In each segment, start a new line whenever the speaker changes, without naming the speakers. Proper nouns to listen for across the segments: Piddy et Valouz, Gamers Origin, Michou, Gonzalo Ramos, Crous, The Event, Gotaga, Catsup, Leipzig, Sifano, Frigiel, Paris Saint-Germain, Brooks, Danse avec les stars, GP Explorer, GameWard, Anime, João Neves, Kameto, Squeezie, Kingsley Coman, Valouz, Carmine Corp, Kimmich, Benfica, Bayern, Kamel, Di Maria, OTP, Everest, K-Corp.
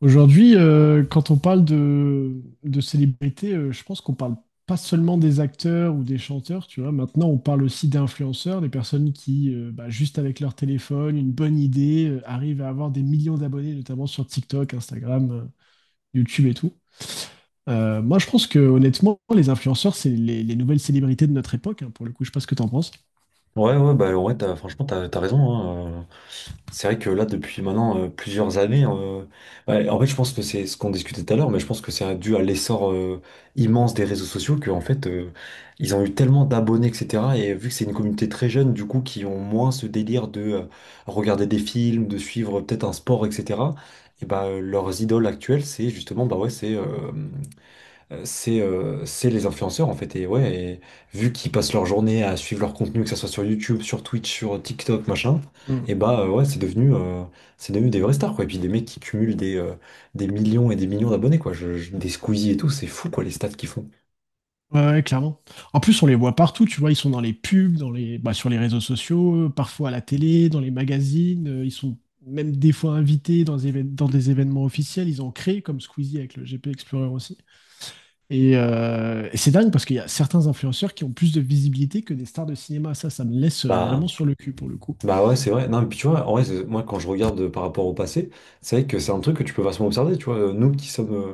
Aujourd'hui, quand on parle de célébrités, je pense qu'on parle pas seulement des acteurs ou des chanteurs, tu vois. Maintenant, on parle aussi d'influenceurs, des personnes qui, juste avec leur téléphone, une bonne idée, arrivent à avoir des millions d'abonnés, notamment sur TikTok, Instagram, YouTube et tout. Moi, je pense que honnêtement, les influenceurs, c'est les nouvelles célébrités de notre époque, hein, pour le coup. Je sais pas ce que t'en penses.
Ouais, ouais, bah ouais, t'as, franchement, t'as raison, hein. C'est vrai que là, depuis maintenant plusieurs années, hein, ouais, en fait, je pense que c'est ce qu'on discutait tout à l'heure, mais je pense que c'est dû à l'essor immense des réseaux sociaux que, en fait, ils ont eu tellement d'abonnés, etc. Et vu que c'est une communauté très jeune, du coup, qui ont moins ce délire de regarder des films, de suivre peut-être un sport, etc. Et bah, leurs idoles actuelles, c'est justement, bah ouais, c'est les influenceurs en fait. Et ouais, vu qu'ils passent leur journée à suivre leur contenu, que ce soit sur YouTube, sur Twitch, sur TikTok, machin, et bah ouais, c'est devenu des vraies stars quoi. Et puis des mecs qui cumulent des millions et des millions d'abonnés quoi. Des Squeezie et tout, c'est fou quoi les stats qu'ils font.
Ouais, ouais, clairement. En plus, on les voit partout, tu vois, ils sont dans les pubs, dans les, bah, sur les réseaux sociaux, parfois à la télé, dans les magazines, ils sont même des fois invités dans, dans des événements officiels, ils ont créé comme Squeezie avec le GP Explorer aussi. Et c'est dingue parce qu'il y a certains influenceurs qui ont plus de visibilité que des stars de cinéma, ça me laisse
Bah,
vraiment sur le cul pour le coup.
bah ouais, c'est vrai. Non, mais puis tu vois, en vrai, moi quand je regarde par rapport au passé, c'est vrai que c'est un truc que tu peux facilement observer. Tu vois, nous qui sommes,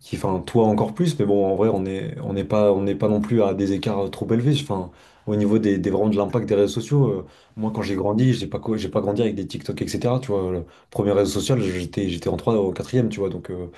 qui, enfin, toi encore plus, mais bon, en vrai, on est, on n'est pas non plus à des écarts trop élevés. Enfin, au niveau des, vraiment de l'impact des réseaux sociaux, moi, quand j'ai grandi, j'ai pas grandi avec des TikTok, etc. Tu vois, le premier réseau social, j'étais en 3e au quatrième, tu vois, donc. euh,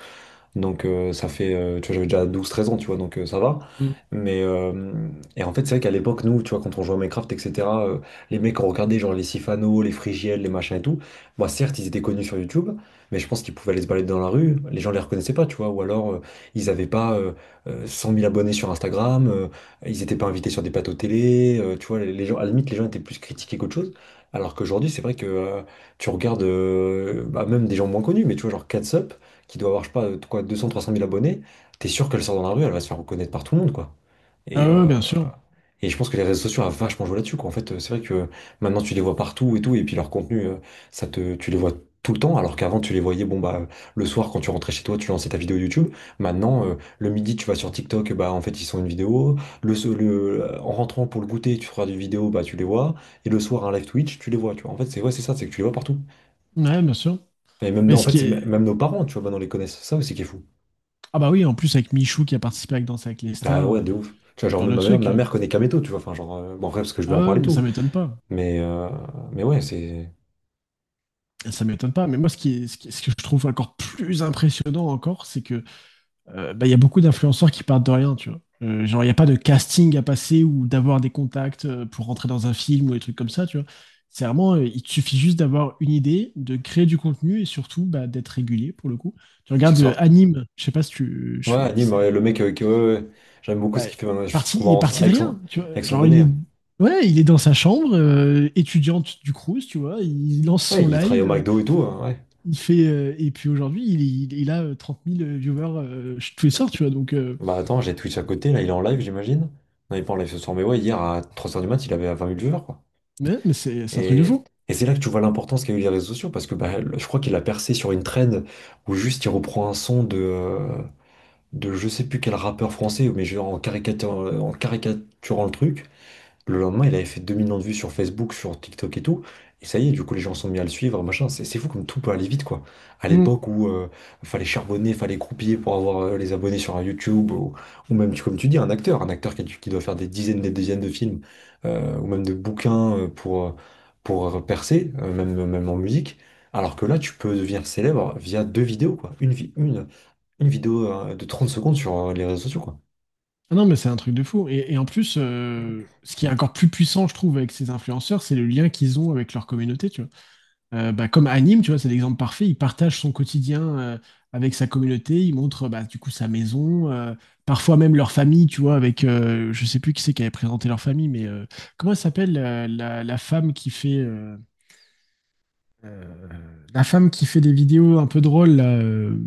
donc euh, ça fait, tu vois, j'avais déjà 12 13 ans, tu vois, donc ça va.
Mm.
Mais et en fait, c'est vrai qu'à l'époque, nous, tu vois, quand on jouait à Minecraft, etc., les mecs ont regardé genre les Sifano, les Frigiel, les machins et tout. Bah, certes, ils étaient connus sur YouTube, mais je pense qu'ils pouvaient aller se balader dans la rue, les gens les reconnaissaient pas, tu vois, ou alors ils avaient pas 100 000 abonnés sur Instagram, ils étaient pas invités sur des plateaux télé, tu vois, les gens, à la limite, les gens étaient plus critiqués qu'autre chose. Alors qu'aujourd'hui, c'est vrai que tu regardes bah, même des gens moins connus, mais tu vois, genre Catsup qui doit avoir, je sais pas, quoi, 200, 300 000 abonnés, t'es sûr qu'elle sort dans la rue, elle va se faire reconnaître par tout le monde, quoi.
Ah
Et,
ouais, ouais,
euh,
bien sûr.
et je pense que les réseaux sociaux a vachement joué là-dessus, quoi. En fait, c'est vrai que maintenant tu les vois partout et tout, et puis leur contenu, tu les vois tout le temps, alors qu'avant tu les voyais, bon bah, le soir quand tu rentrais chez toi, tu lançais ta vidéo YouTube. Maintenant, le midi, tu vas sur TikTok, bah en fait ils sont une vidéo. En rentrant pour le goûter, tu feras des vidéos, bah tu les vois. Et le soir, un live Twitch, tu les vois, tu vois. En fait, c'est ouais, c'est ça, c'est que tu les vois partout.
Ouais, bien sûr.
Et même,
Mais
en
ce
fait,
qui est...
même nos parents, tu vois, maintenant les connaissent. Ça, c'est qui est fou.
Ah bah oui, en plus avec Michou qui a participé avec Danse avec les
Ah
stars,
ouais, de ouf. Tu vois,
ce
genre,
genre
même
de
ma mère,
truc.
ma mère connaît Kameto, tu vois. Enfin, genre, bon, après, parce que je vais
Ah
en
ouais,
parler
ouais,
et
mais ça
tout.
m'étonne pas.
Mais, euh, mais ouais, c'est
Ça m'étonne pas, mais moi ce que je trouve encore plus impressionnant encore, c'est que bah, il y a beaucoup d'influenceurs qui partent de rien, tu vois. Genre il n'y a pas de casting à passer ou d'avoir des contacts pour rentrer dans un film ou des trucs comme ça, tu vois. C'est vraiment, il te suffit juste d'avoir une idée, de créer du contenu et surtout bah, d'être régulier pour le coup. Tu
c'est
regardes
ça.
Anime, je sais pas si tu, je
Ouais,
sais pas qui
anime,
c'est
ouais,
Anime.
le mec, ouais, ouais, ouais. J'aime beaucoup
Bah,
ce qu'il fait maintenant, je trouve
il est
marrant, ça,
parti de
avec son,
rien, tu vois.
avec son
Genre il
bonnet.
est... Ouais, il est dans sa chambre, étudiante du Crous, tu vois, il lance
Ouais,
son
il travaille au
live,
McDo et tout, hein, ouais.
il fait, et puis aujourd'hui, il a 30 000 viewers tous les soirs, tu vois. Donc,
Bah attends, j'ai Twitch à côté, là, il est en live, j'imagine. Non, il est pas en live ce soir, mais ouais, hier à 3 heures du mat, il avait 20 000 viewers, quoi.
mais c'est un truc de
Et,
fou.
et c'est là que tu vois l'importance qu'a eu les réseaux sociaux, parce que bah, je crois qu'il a percé sur une trend où juste il reprend un son de je sais plus quel rappeur français, mais genre en caricaturant le truc. Le lendemain, il avait fait 2 millions de vues sur Facebook, sur TikTok et tout. Et ça y est, du coup, les gens sont mis à le suivre, machin. C'est fou comme tout peut aller vite, quoi. À
Mm.
l'époque où fallait charbonner, fallait croupiller pour avoir les abonnés sur un YouTube, ou même, comme tu dis, un acteur qui, qui doit faire des dizaines de films, ou même de bouquins pour percer, même, même en musique. Alors que là, tu peux devenir célèbre via deux vidéos, quoi. Une, vi- une vidéo de 30 secondes sur les réseaux sociaux, quoi.
Ah non, mais c'est un truc de fou. Et en plus, ce qui est encore plus puissant, je trouve, avec ces influenceurs, c'est le lien qu'ils ont avec leur communauté, tu vois. Bah, comme Anime, tu vois, c'est l'exemple parfait. Il partage son quotidien avec sa communauté. Il montre, bah, du coup, sa maison, parfois même leur famille, tu vois, avec, je sais plus qui c'est qui avait présenté leur famille, mais comment elle s'appelle, la femme qui fait... euh, la femme qui fait des vidéos un peu drôles, là,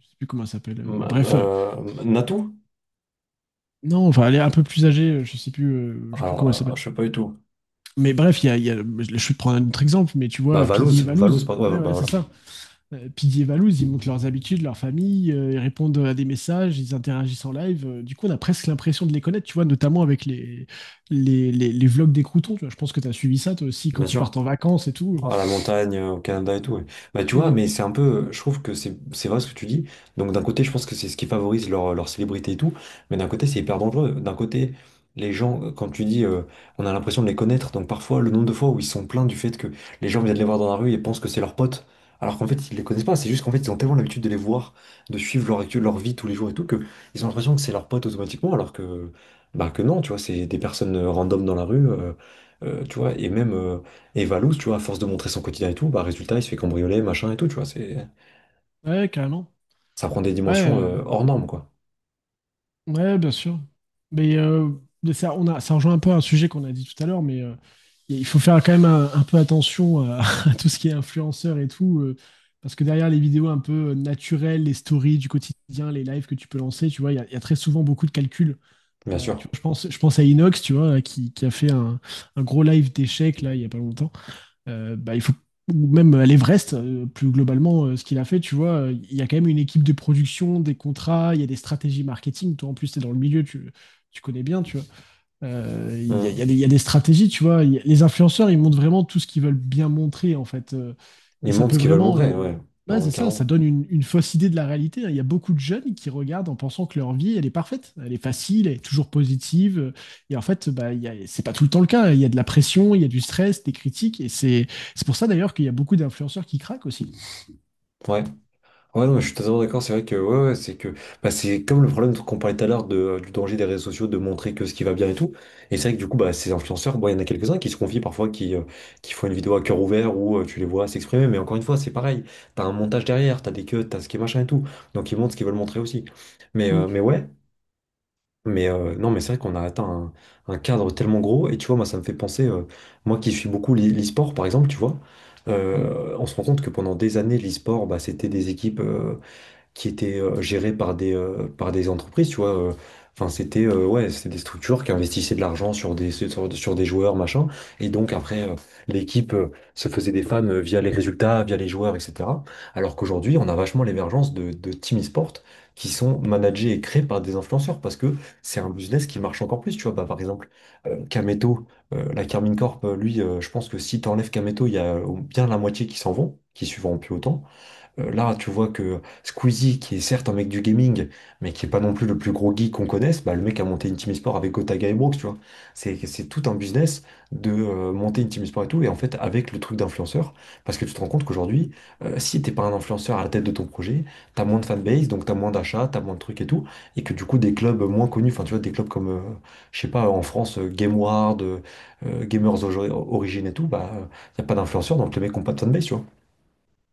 je sais plus comment elle s'appelle, mais bref,
Natou?
non, enfin, elle est un peu plus âgée, je sais plus comment elle
Alors,
s'appelle.
je sais pas du tout.
Mais bref, il y a, y a- je vais te prendre un autre exemple, mais tu
Bah,
vois,
Valouz,
Piddy et
Valouz,
Valouz.
pardon, ouais,
Ouais,
bah
ouais, c'est
voilà,
ça. Piddy et Valouz, ils montrent leurs habitudes, leur famille, ils répondent à des messages, ils interagissent en live. Du coup, on a presque l'impression de les connaître, tu vois, notamment avec les vlogs des croutons. Tu vois, je pense que tu as suivi ça, toi aussi,
bien
quand ils
sûr.
partent en vacances et tout.
À la montagne, au Canada et tout. Ouais. Bah tu vois,
Mm.
mais c'est un peu, je trouve que c'est vrai ce que tu dis. Donc d'un côté, je pense que c'est ce qui favorise leur célébrité et tout, mais d'un côté, c'est hyper dangereux. D'un côté, les gens, quand tu dis, on a l'impression de les connaître, donc parfois, le nombre de fois où ils sont plaints du fait que les gens viennent les voir dans la rue et pensent que c'est leurs potes, alors qu'en fait, ils les connaissent pas. C'est juste qu'en fait, ils ont tellement l'habitude de les voir, de suivre leur vie tous les jours et tout, que ils ont l'impression que c'est leurs potes automatiquement, alors que, bah, que non, tu vois, c'est des personnes random dans la rue. Tu vois, et même et Valouz, tu vois, à force de montrer son quotidien et tout, bah résultat, il se fait cambrioler, machin et tout, tu vois. C'est...
Ouais, carrément.
Ça prend des
Ouais,
dimensions hors normes, quoi.
ouais, bien sûr. Mais, euh, mais ça, ça rejoint un peu un sujet qu'on a dit tout à l'heure, mais il faut faire quand même un peu attention à, à tout ce qui est influenceur et tout, parce que derrière les vidéos un peu naturelles, les stories du quotidien, les lives que tu peux lancer, tu vois, il y a très souvent beaucoup de calculs.
Bien sûr.
Tu vois, je pense à Inox, tu vois, qui a fait un gros live d'échecs là, il y a pas longtemps bah, il faut ou même à l'Everest, plus globalement, ce qu'il a fait, tu vois, il y a quand même une équipe de production, des contrats, il y a des stratégies marketing. Toi, en plus, tu es dans le milieu, tu connais bien, tu
Mhm.
il y a des stratégies, tu vois. Les influenceurs, ils montrent vraiment tout ce qu'ils veulent bien montrer, en fait.
Ils
Et ça
montrent
peut
ce qu'ils veulent
vraiment.
montrer, ouais.
Ouais,
Carrément,
c'est ça, ça
carrément.
donne une fausse idée de la réalité, hein. Il y a beaucoup de jeunes qui regardent en pensant que leur vie, elle est parfaite, elle est facile, elle est toujours positive. Et en fait, bah, c'est pas tout le temps le cas, hein. Il y a de la pression, il y a du stress, des critiques. Et c'est pour ça d'ailleurs qu'il y a beaucoup d'influenceurs qui craquent aussi.
Ouais. Ouais, non, mais je suis totalement d'accord, c'est vrai que, ouais, ouais, c'est que, bah, c'est comme le problème qu'on parlait tout à l'heure de, du danger des réseaux sociaux, de montrer que ce qui va bien et tout. Et c'est vrai que du coup, bah, ces influenceurs, bon, il y en a quelques-uns qui se confient parfois, qui font une vidéo à cœur ouvert où tu les vois s'exprimer, mais encore une fois, c'est pareil. T'as un montage derrière, t'as des queues, t'as ce qui est machin et tout. Donc ils montrent ce qu'ils veulent montrer aussi. Mais
Mm,
ouais. Mais non, mais c'est vrai qu'on a atteint un cadre tellement gros. Et tu vois, moi, ça me fait penser, moi qui suis beaucoup l'e-sport, par exemple, tu vois,
mm.
on se rend compte que pendant des années, l'e-sport, bah, c'était des équipes, qui étaient gérées par des entreprises, tu vois. Enfin, c'était ouais, c'était des structures qui investissaient de l'argent sur des joueurs, machin. Et donc, après, l'équipe se faisait des fans via les résultats, via les joueurs, etc. Alors qu'aujourd'hui, on a vachement l'émergence de team e-sport qui sont managés et créés par des influenceurs parce que c'est un business qui marche encore plus, tu vois. Bah, par exemple, Kameto, la Carmine Corp, lui, je pense que si t'enlèves Kameto, il y a bien la moitié qui s'en vont, qui suivront plus autant. Là, tu vois que Squeezie, qui est certes un mec du gaming, mais qui est pas non plus le plus gros geek qu'on connaisse, bah, le mec a monté une team e-sport avec Gotaga et Brooks, tu vois. C'est tout un business de monter une team e-sport et tout, et en fait, avec le truc d'influenceur, parce que tu te rends compte qu'aujourd'hui, si t'es pas un influenceur à la tête de ton projet, t'as moins de fanbase, donc t'as moins d'achats, t'as moins de trucs et tout, et que du coup, des clubs moins connus, enfin, tu vois, des clubs comme, je sais pas, en France, GameWard, Gamers Origin et tout, bah, y a pas d'influenceurs, donc les mecs ont pas de fanbase, tu vois.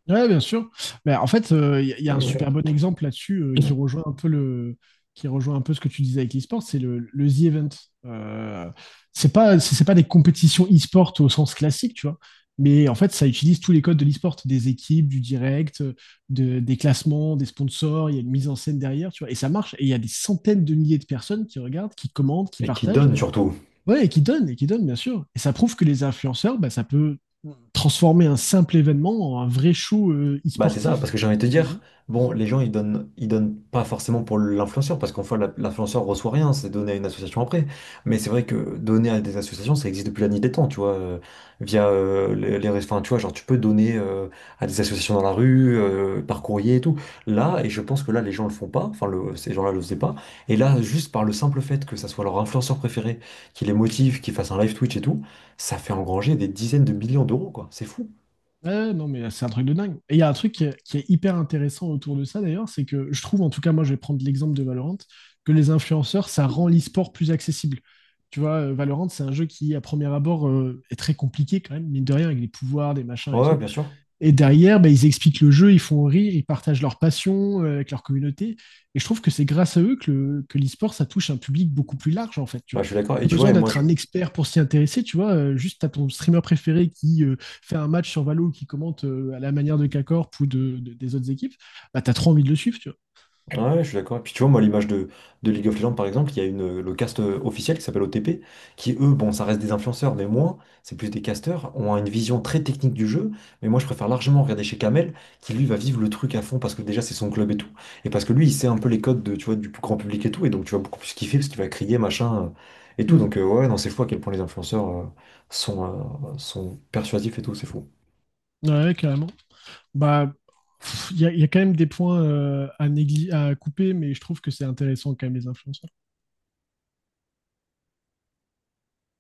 Ouais, bien sûr. Mais en fait, il y, a y a un super bon exemple là-dessus qui rejoint un peu le, qui rejoint un peu ce que tu disais avec l'e-sport, c'est le The Event. Euh, c'est pas, c'est pas des compétitions e-sport au sens classique, tu vois. Mais en fait, ça utilise tous les codes de l'e-sport, des équipes, du direct, des classements, des sponsors. Il y a une mise en scène derrière, tu vois. Et ça marche. Et il y a des centaines de milliers de personnes qui regardent, qui commentent, qui
Et qui
partagent.
donne surtout.
Ouais, et qui donne, bien sûr. Et ça prouve que les influenceurs, bah, ça peut transformer un simple événement en un vrai show
Bah c'est ça, parce
e-sportif.
que j'ai envie de te
Ça se
dire,
dit.
bon, les gens ils donnent pas forcément pour l'influenceur, parce qu'en fait l'influenceur reçoit rien, c'est donné à une association après. Mais c'est vrai que donner à des associations, ça existe depuis la nuit des temps, tu vois, via les, enfin, tu vois, genre tu peux donner à des associations dans la rue, par courrier et tout. Là, et je pense que là les gens le font pas, enfin le, ces gens-là le faisaient pas. Et là, juste par le simple fait que ça soit leur influenceur préféré, qui les motive, qui fasse un live Twitch et tout, ça fait engranger des dizaines de millions d'euros, quoi. C'est fou.
Ouais, non, mais c'est un truc de dingue. Et il y a un truc qui est hyper intéressant autour de ça, d'ailleurs, c'est que je trouve, en tout cas, moi, je vais prendre l'exemple de Valorant, que les influenceurs, ça rend l'e-sport plus accessible. Tu vois, Valorant, c'est un jeu qui, à premier abord, est très compliqué quand même, mine de rien, avec les pouvoirs, des machins
Ouais,
et
ouais,
tout.
bien sûr.
Et derrière, bah, ils expliquent le jeu, ils font rire, ils partagent leur passion avec leur communauté. Et je trouve que c'est grâce à eux que, que l'e-sport, ça touche un public beaucoup plus large, en fait. Tu
Bah,
vois.
je suis d'accord. Et
Pas
tu vois, et
besoin
moi,
d'être
je...
un expert pour s'y intéresser, tu vois. Juste, t'as ton streamer préféré qui fait un match sur Valo, qui commente à la manière de K-Corp ou des autres équipes, bah, t'as trop envie de le suivre, tu vois.
Ouais, je suis d'accord. Et puis, tu vois, moi, l'image de, League of Legends, par exemple, il y a une, le cast officiel qui s'appelle OTP, qui, eux, bon, ça reste des influenceurs, mais moins, c'est plus des casteurs, ont une vision très technique du jeu. Mais moi, je préfère largement regarder chez Kamel, qui, lui, va vivre le truc à fond, parce que déjà, c'est son club et tout. Et parce que lui, il sait un peu les codes de, tu vois, du plus grand public et tout. Et donc, tu vas beaucoup plus kiffer, parce qu'il va crier, machin, et tout.
Mm.
Donc, ouais, non, c'est fou à quel point les influenceurs sont, sont persuasifs et tout, c'est fou.
Ouais, carrément. Bah, pff, il y a quand même des points à, à couper, mais je trouve que c'est intéressant quand même les influenceurs.